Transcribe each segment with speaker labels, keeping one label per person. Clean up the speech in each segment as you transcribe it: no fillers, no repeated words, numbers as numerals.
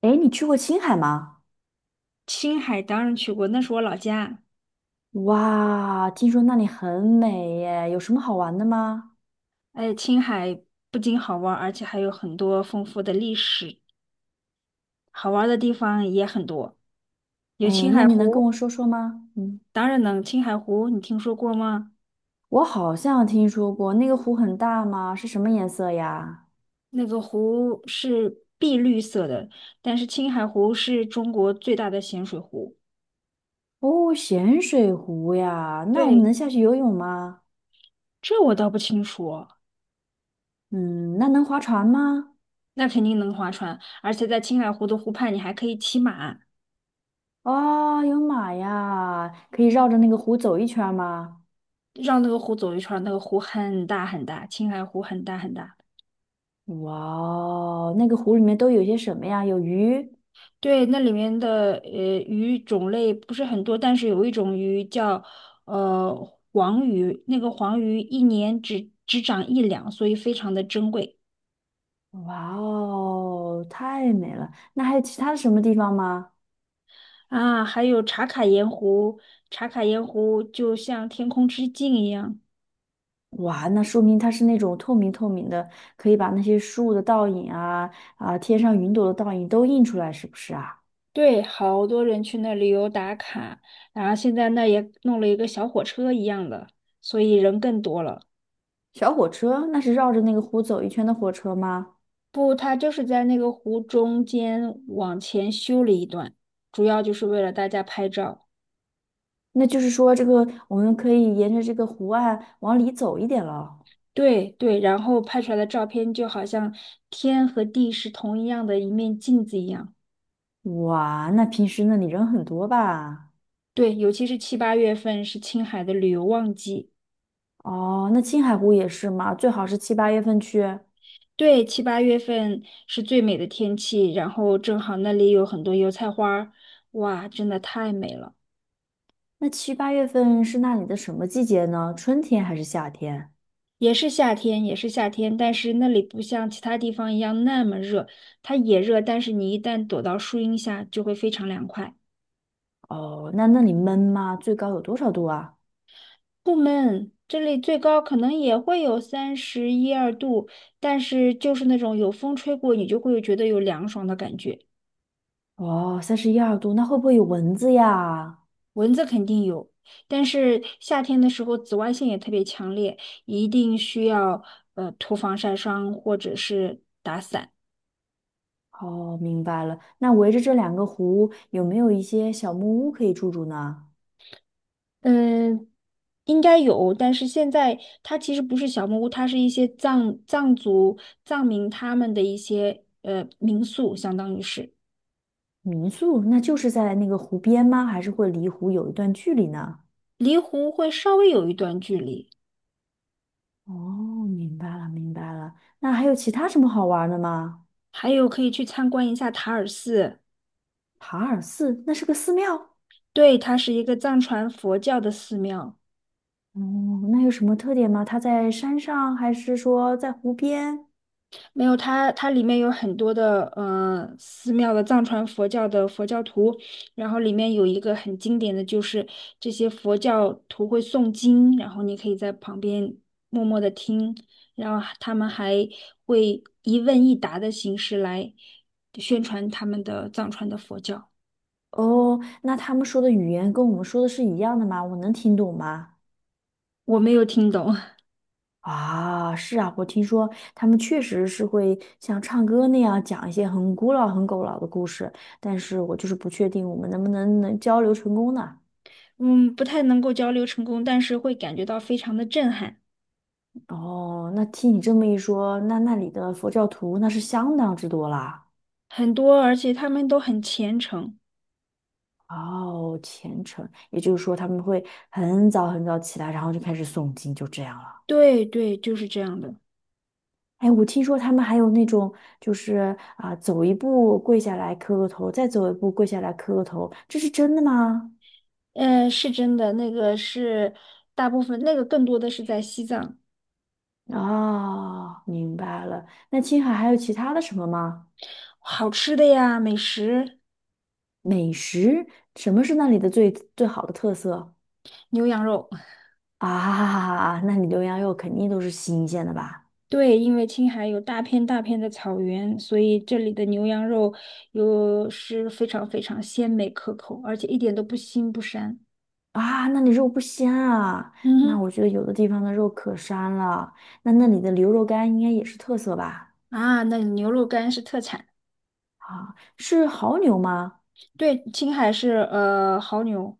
Speaker 1: 哎，你去过青海吗？
Speaker 2: 青海当然去过，那是我老家。
Speaker 1: 哇，听说那里很美耶，有什么好玩的吗？
Speaker 2: 哎，青海不仅好玩儿而且还有很多丰富的历史，好玩儿的地方也很多。有
Speaker 1: 哎，
Speaker 2: 青
Speaker 1: 那
Speaker 2: 海
Speaker 1: 你能跟
Speaker 2: 湖。
Speaker 1: 我说说吗？嗯，
Speaker 2: 当然能。青海湖你听说过吗？
Speaker 1: 我好像听说过那个湖很大吗？是什么颜色呀？
Speaker 2: 那个湖是碧绿色的，但是青海湖是中国最大的咸水湖。
Speaker 1: 哦，咸水湖呀，那我们
Speaker 2: 对，
Speaker 1: 能下去游泳吗？
Speaker 2: 这我倒不清楚哦。
Speaker 1: 嗯，那能划船吗？
Speaker 2: 那肯定能划船，而且在青海湖的湖畔，你还可以骑马。
Speaker 1: 哦，有马呀，可以绕着那个湖走一圈吗？
Speaker 2: 绕那个湖走一圈儿，那个湖很大很大，青海湖很大很大。
Speaker 1: 哇哦那个湖里面都有些什么呀？有鱼？
Speaker 2: 对，那里面的鱼种类不是很多，但是有一种鱼叫呃黄鱼，那个黄鱼一年只长一两，所以非常的珍贵。
Speaker 1: 哇哦，太美了！那还有其他的什么地方吗？
Speaker 2: 啊。还有茶卡盐湖，茶卡盐湖就像天空之镜一样。
Speaker 1: 哇，那说明它是那种透明透明的，可以把那些树的倒影啊啊，天上云朵的倒影都映出来，是不是啊？
Speaker 2: 对，好多人去那旅游打卡，然后现在那也弄了一个小火车一样的，所以人更多了。
Speaker 1: 小火车那是绕着那个湖走一圈的火车吗？
Speaker 2: 不，它就是在那个湖中间往前修了一段，主要就是为了大家拍照。
Speaker 1: 那就是说，这个我们可以沿着这个湖岸往里走一点了。
Speaker 2: 对对，然后拍出来的照片就好像天和地是同一样的一面镜子一样。
Speaker 1: 哇，那平时那里人很多吧？
Speaker 2: 对，尤其是七八月份是青海的旅游旺季。
Speaker 1: 哦，那青海湖也是吗？最好是7、8月份去。
Speaker 2: 对，七八月份是最美的天气，然后正好那里有很多油菜花儿，哇，真的太美了。
Speaker 1: 那七八月份是那里的什么季节呢？春天还是夏天？
Speaker 2: 也是夏天，也是夏天，但是那里不像其他地方一样那么热，它也热，但是你一旦躲到树荫下就会非常凉快。
Speaker 1: 哦，那那里闷吗？最高有多少度啊？
Speaker 2: 不闷，这里最高可能也会有31、2度，但是就是那种有风吹过，你就会觉得有凉爽的感觉。
Speaker 1: 哦，31、2度，那会不会有蚊子呀？
Speaker 2: 蚊子肯定有，但是夏天的时候紫外线也特别强烈，一定需要涂防晒霜或者是
Speaker 1: 哦，明白了。那围着这两个湖，有没有一些小木屋可以住住呢？
Speaker 2: 嗯。应该有，但是现在它其实不是小木屋，它是一些藏族藏民他们的一些民宿，相当于是。
Speaker 1: 民宿，那就是在那个湖边吗？还是会离湖有一段距离呢？
Speaker 2: 离湖会稍微有一段距离。
Speaker 1: 哦，明白了，明白了。那还有其他什么好玩的吗？
Speaker 2: 还有可以去参观一下塔尔寺。
Speaker 1: 塔尔寺，那是个寺庙。
Speaker 2: 对，它是一个藏传佛教的寺庙。
Speaker 1: 哦，那有什么特点吗？它在山上，还是说在湖边？
Speaker 2: 没有它，它里面有很多的寺庙的藏传佛教的佛教徒，然后里面有一个很经典的就是这些佛教徒会诵经，然后你可以在旁边默默的听，然后他们还会一问一答的形式来宣传他们的藏传的佛教。
Speaker 1: 哦，那他们说的语言跟我们说的是一样的吗？我能听懂吗？
Speaker 2: 我没有听懂。
Speaker 1: 啊，是啊，我听说他们确实是会像唱歌那样讲一些很古老、很古老的故事，但是我就是不确定我们能不能交流成功呢？
Speaker 2: 嗯，不太能够交流成功，但是会感觉到非常的震撼。
Speaker 1: 哦，那听你这么一说，那那里的佛教徒那是相当之多啦。
Speaker 2: 很多，而且他们都很虔诚。
Speaker 1: 哦，虔诚，也就是说他们会很早很早起来，然后就开始诵经，就这样了。
Speaker 2: 对对，就是这样的。
Speaker 1: 哎，我听说他们还有那种，就是啊、走一步跪下来磕个头，再走一步跪下来磕个头，这是真的吗？
Speaker 2: 是真的，那个是大部分，那个更多的是在西藏。
Speaker 1: 哦，明白了。那青海还有其他的什么吗？
Speaker 2: 好吃的呀，美食，
Speaker 1: 美食，什么是那里的最好的特色
Speaker 2: 牛羊肉。
Speaker 1: 啊？那你牛羊肉肯定都是新鲜的吧？
Speaker 2: 对，因为青海有大片大片的草原，所以这里的牛羊肉又是非常非常鲜美可口，而且一点都不腥不膻。
Speaker 1: 啊，那你肉不鲜啊？
Speaker 2: 嗯
Speaker 1: 那
Speaker 2: 哼。
Speaker 1: 我觉得有的地方的肉可膻了。那那里的牛肉干应该也是特色吧？
Speaker 2: 啊，那牛肉干是特产。
Speaker 1: 啊，是牦牛吗？
Speaker 2: 对，青海是牦牛。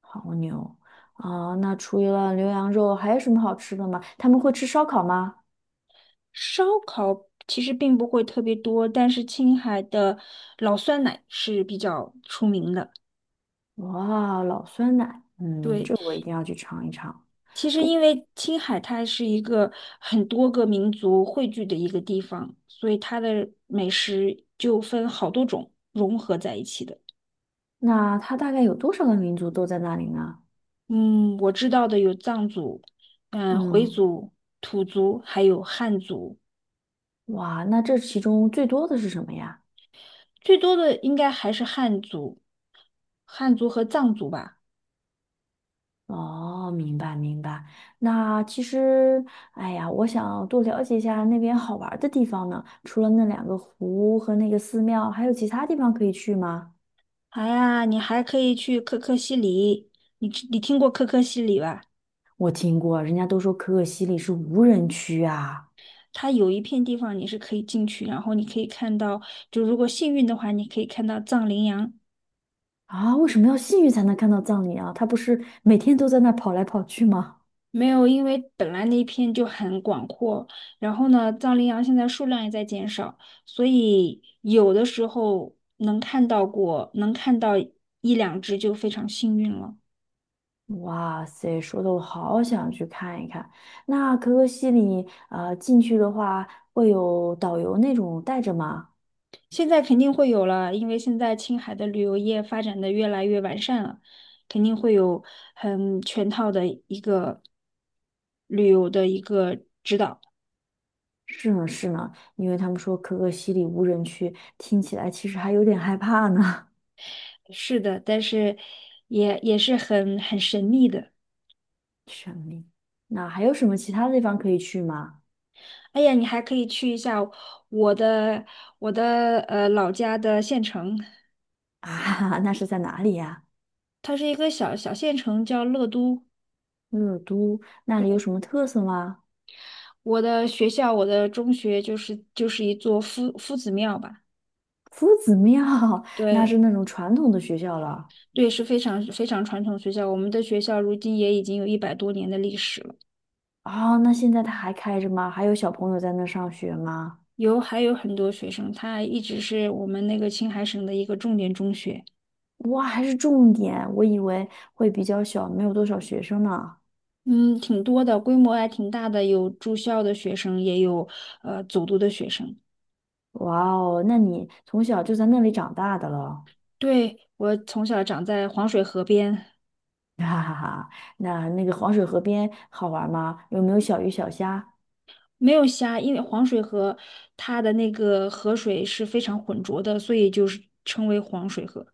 Speaker 1: 好牛啊！那除了牛羊肉，还有什么好吃的吗？他们会吃烧烤吗？
Speaker 2: 烧烤其实并不会特别多，但是青海的老酸奶是比较出名的。
Speaker 1: 哇，老酸奶，嗯，
Speaker 2: 对，
Speaker 1: 这我一定要去尝一尝。
Speaker 2: 其实因为青海它是一个很多个民族汇聚的一个地方，所以它的美食就分好多种融合在一起的。
Speaker 1: 那它大概有多少个民族都在那里呢？
Speaker 2: 嗯，我知道的有藏族、回
Speaker 1: 嗯，
Speaker 2: 族、土族，还有汉族。
Speaker 1: 哇，那这其中最多的是什么呀？
Speaker 2: 最多的应该还是汉族，汉族和藏族吧。
Speaker 1: 哦，明白明白。那其实，哎呀，我想多了解一下那边好玩儿的地方呢。除了那两个湖和那个寺庙，还有其他地方可以去吗？
Speaker 2: 哎呀，你还可以去可可西里，你听过可可西里吧？
Speaker 1: 我听过，人家都说可可西里是无人区啊。
Speaker 2: 它有一片地方你是可以进去，然后你可以看到，就如果幸运的话，你可以看到藏羚羊。
Speaker 1: 啊，为什么要幸运才能看到葬礼啊？他不是每天都在那儿跑来跑去吗？
Speaker 2: 没有，因为本来那一片就很广阔，然后呢，藏羚羊现在数量也在减少，所以有的时候能看到1、2只就非常幸运了。
Speaker 1: 哇塞，说的我好想去看一看。那可可西里，进去的话会有导游那种带着吗？
Speaker 2: 现在肯定会有了，因为现在青海的旅游业发展的越来越完善了，肯定会有很全套的一个旅游的一个。
Speaker 1: 是呢，是呢，因为他们说可可西里无人区，听起来其实还有点害怕呢。
Speaker 2: 是的，但是也是很神秘的。
Speaker 1: 神秘。那还有什么其他地方可以去吗？
Speaker 2: 哎呀，你还可以去一下我的我的老家的县城，
Speaker 1: 啊，那是在哪里呀？
Speaker 2: 它是一个小小县城，叫乐都。
Speaker 1: 热都，那里有什么特色吗？
Speaker 2: 我的学校，我的中学就是一座夫子庙吧。
Speaker 1: 夫子庙，那是
Speaker 2: 对。
Speaker 1: 那种传统的学校了。
Speaker 2: 对，是非常非常传统的学校。我们的学校如今也已经有100多年的历史了。
Speaker 1: 哦，那现在它还开着吗？还有小朋友在那上学吗？
Speaker 2: 还有很多学生，他一直是我们那个青海省的一个重点中学。
Speaker 1: 哇，还是重点，我以为会比较小，没有多少学生呢。
Speaker 2: 嗯，挺多的，规模还挺大的，有住校的学生，也有走读的学生。
Speaker 1: 哇哦，那你从小就在那里长大的了，
Speaker 2: 对，我从小长在黄水河边。
Speaker 1: 哈哈哈。那那个黄水河边好玩吗？有没有小鱼小虾？
Speaker 2: 没有虾，因为黄水河它的那个河水是非常浑浊的，所以就是称为黄水河，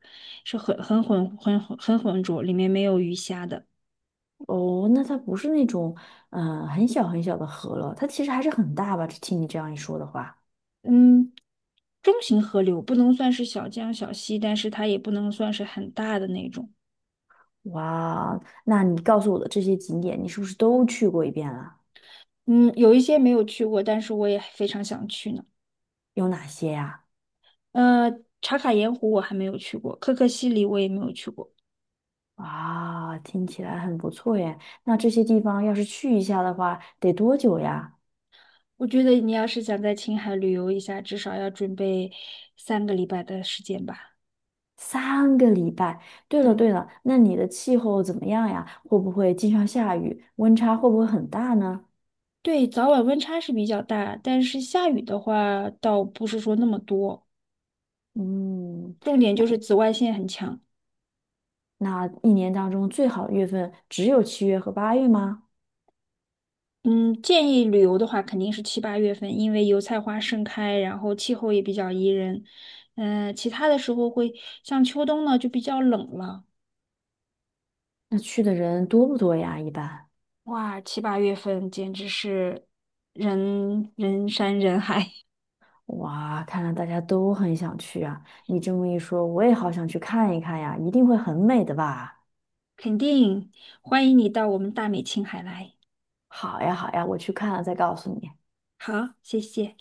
Speaker 2: 是很浑浊，里面没有鱼虾的。
Speaker 1: 哦，那它不是那种很小很小的河了，它其实还是很大吧？听你这样一说的话，
Speaker 2: 嗯，中型河流不能算是小江小溪，但是它也不能算是很大的那种。
Speaker 1: 哇哦，那你告诉我的这些景点，你是不是都去过一遍了？
Speaker 2: 嗯，有一些没有去过，但是我也非常想去呢。
Speaker 1: 有哪些呀、
Speaker 2: 呃，茶卡盐湖我还没有去过，可可西里我也没有去过。
Speaker 1: 哇，听起来很不错耶。那这些地方要是去一下的话，得多久呀？
Speaker 2: 我觉得你要是想在青海旅游一下，至少要准备3个礼拜的时间吧。
Speaker 1: 3个礼拜。对了
Speaker 2: 对
Speaker 1: 对了，那你的气候怎么样呀？会不会经常下雨？温差会不会很大呢？
Speaker 2: 对，早晚温差是比较大，但是下雨的话倒不是说那么多，
Speaker 1: 嗯，
Speaker 2: 重点就是紫外线很强。
Speaker 1: 那一年当中最好的月份只有7月和8月吗？
Speaker 2: 嗯，建议旅游的话，肯定是七八月份，因为油菜花盛开，然后气候也比较宜人。其他的时候会像秋冬呢，就比较冷了。
Speaker 1: 那去的人多不多呀？一般。
Speaker 2: 哇，七八月份简直是人人山人海。
Speaker 1: 哇，看来大家都很想去啊！你这么一说，我也好想去看一看呀，一定会很美的吧？
Speaker 2: 肯定欢迎你到我们大美青海来。
Speaker 1: 好呀，好呀，我去看了再告诉你。
Speaker 2: 好，谢谢。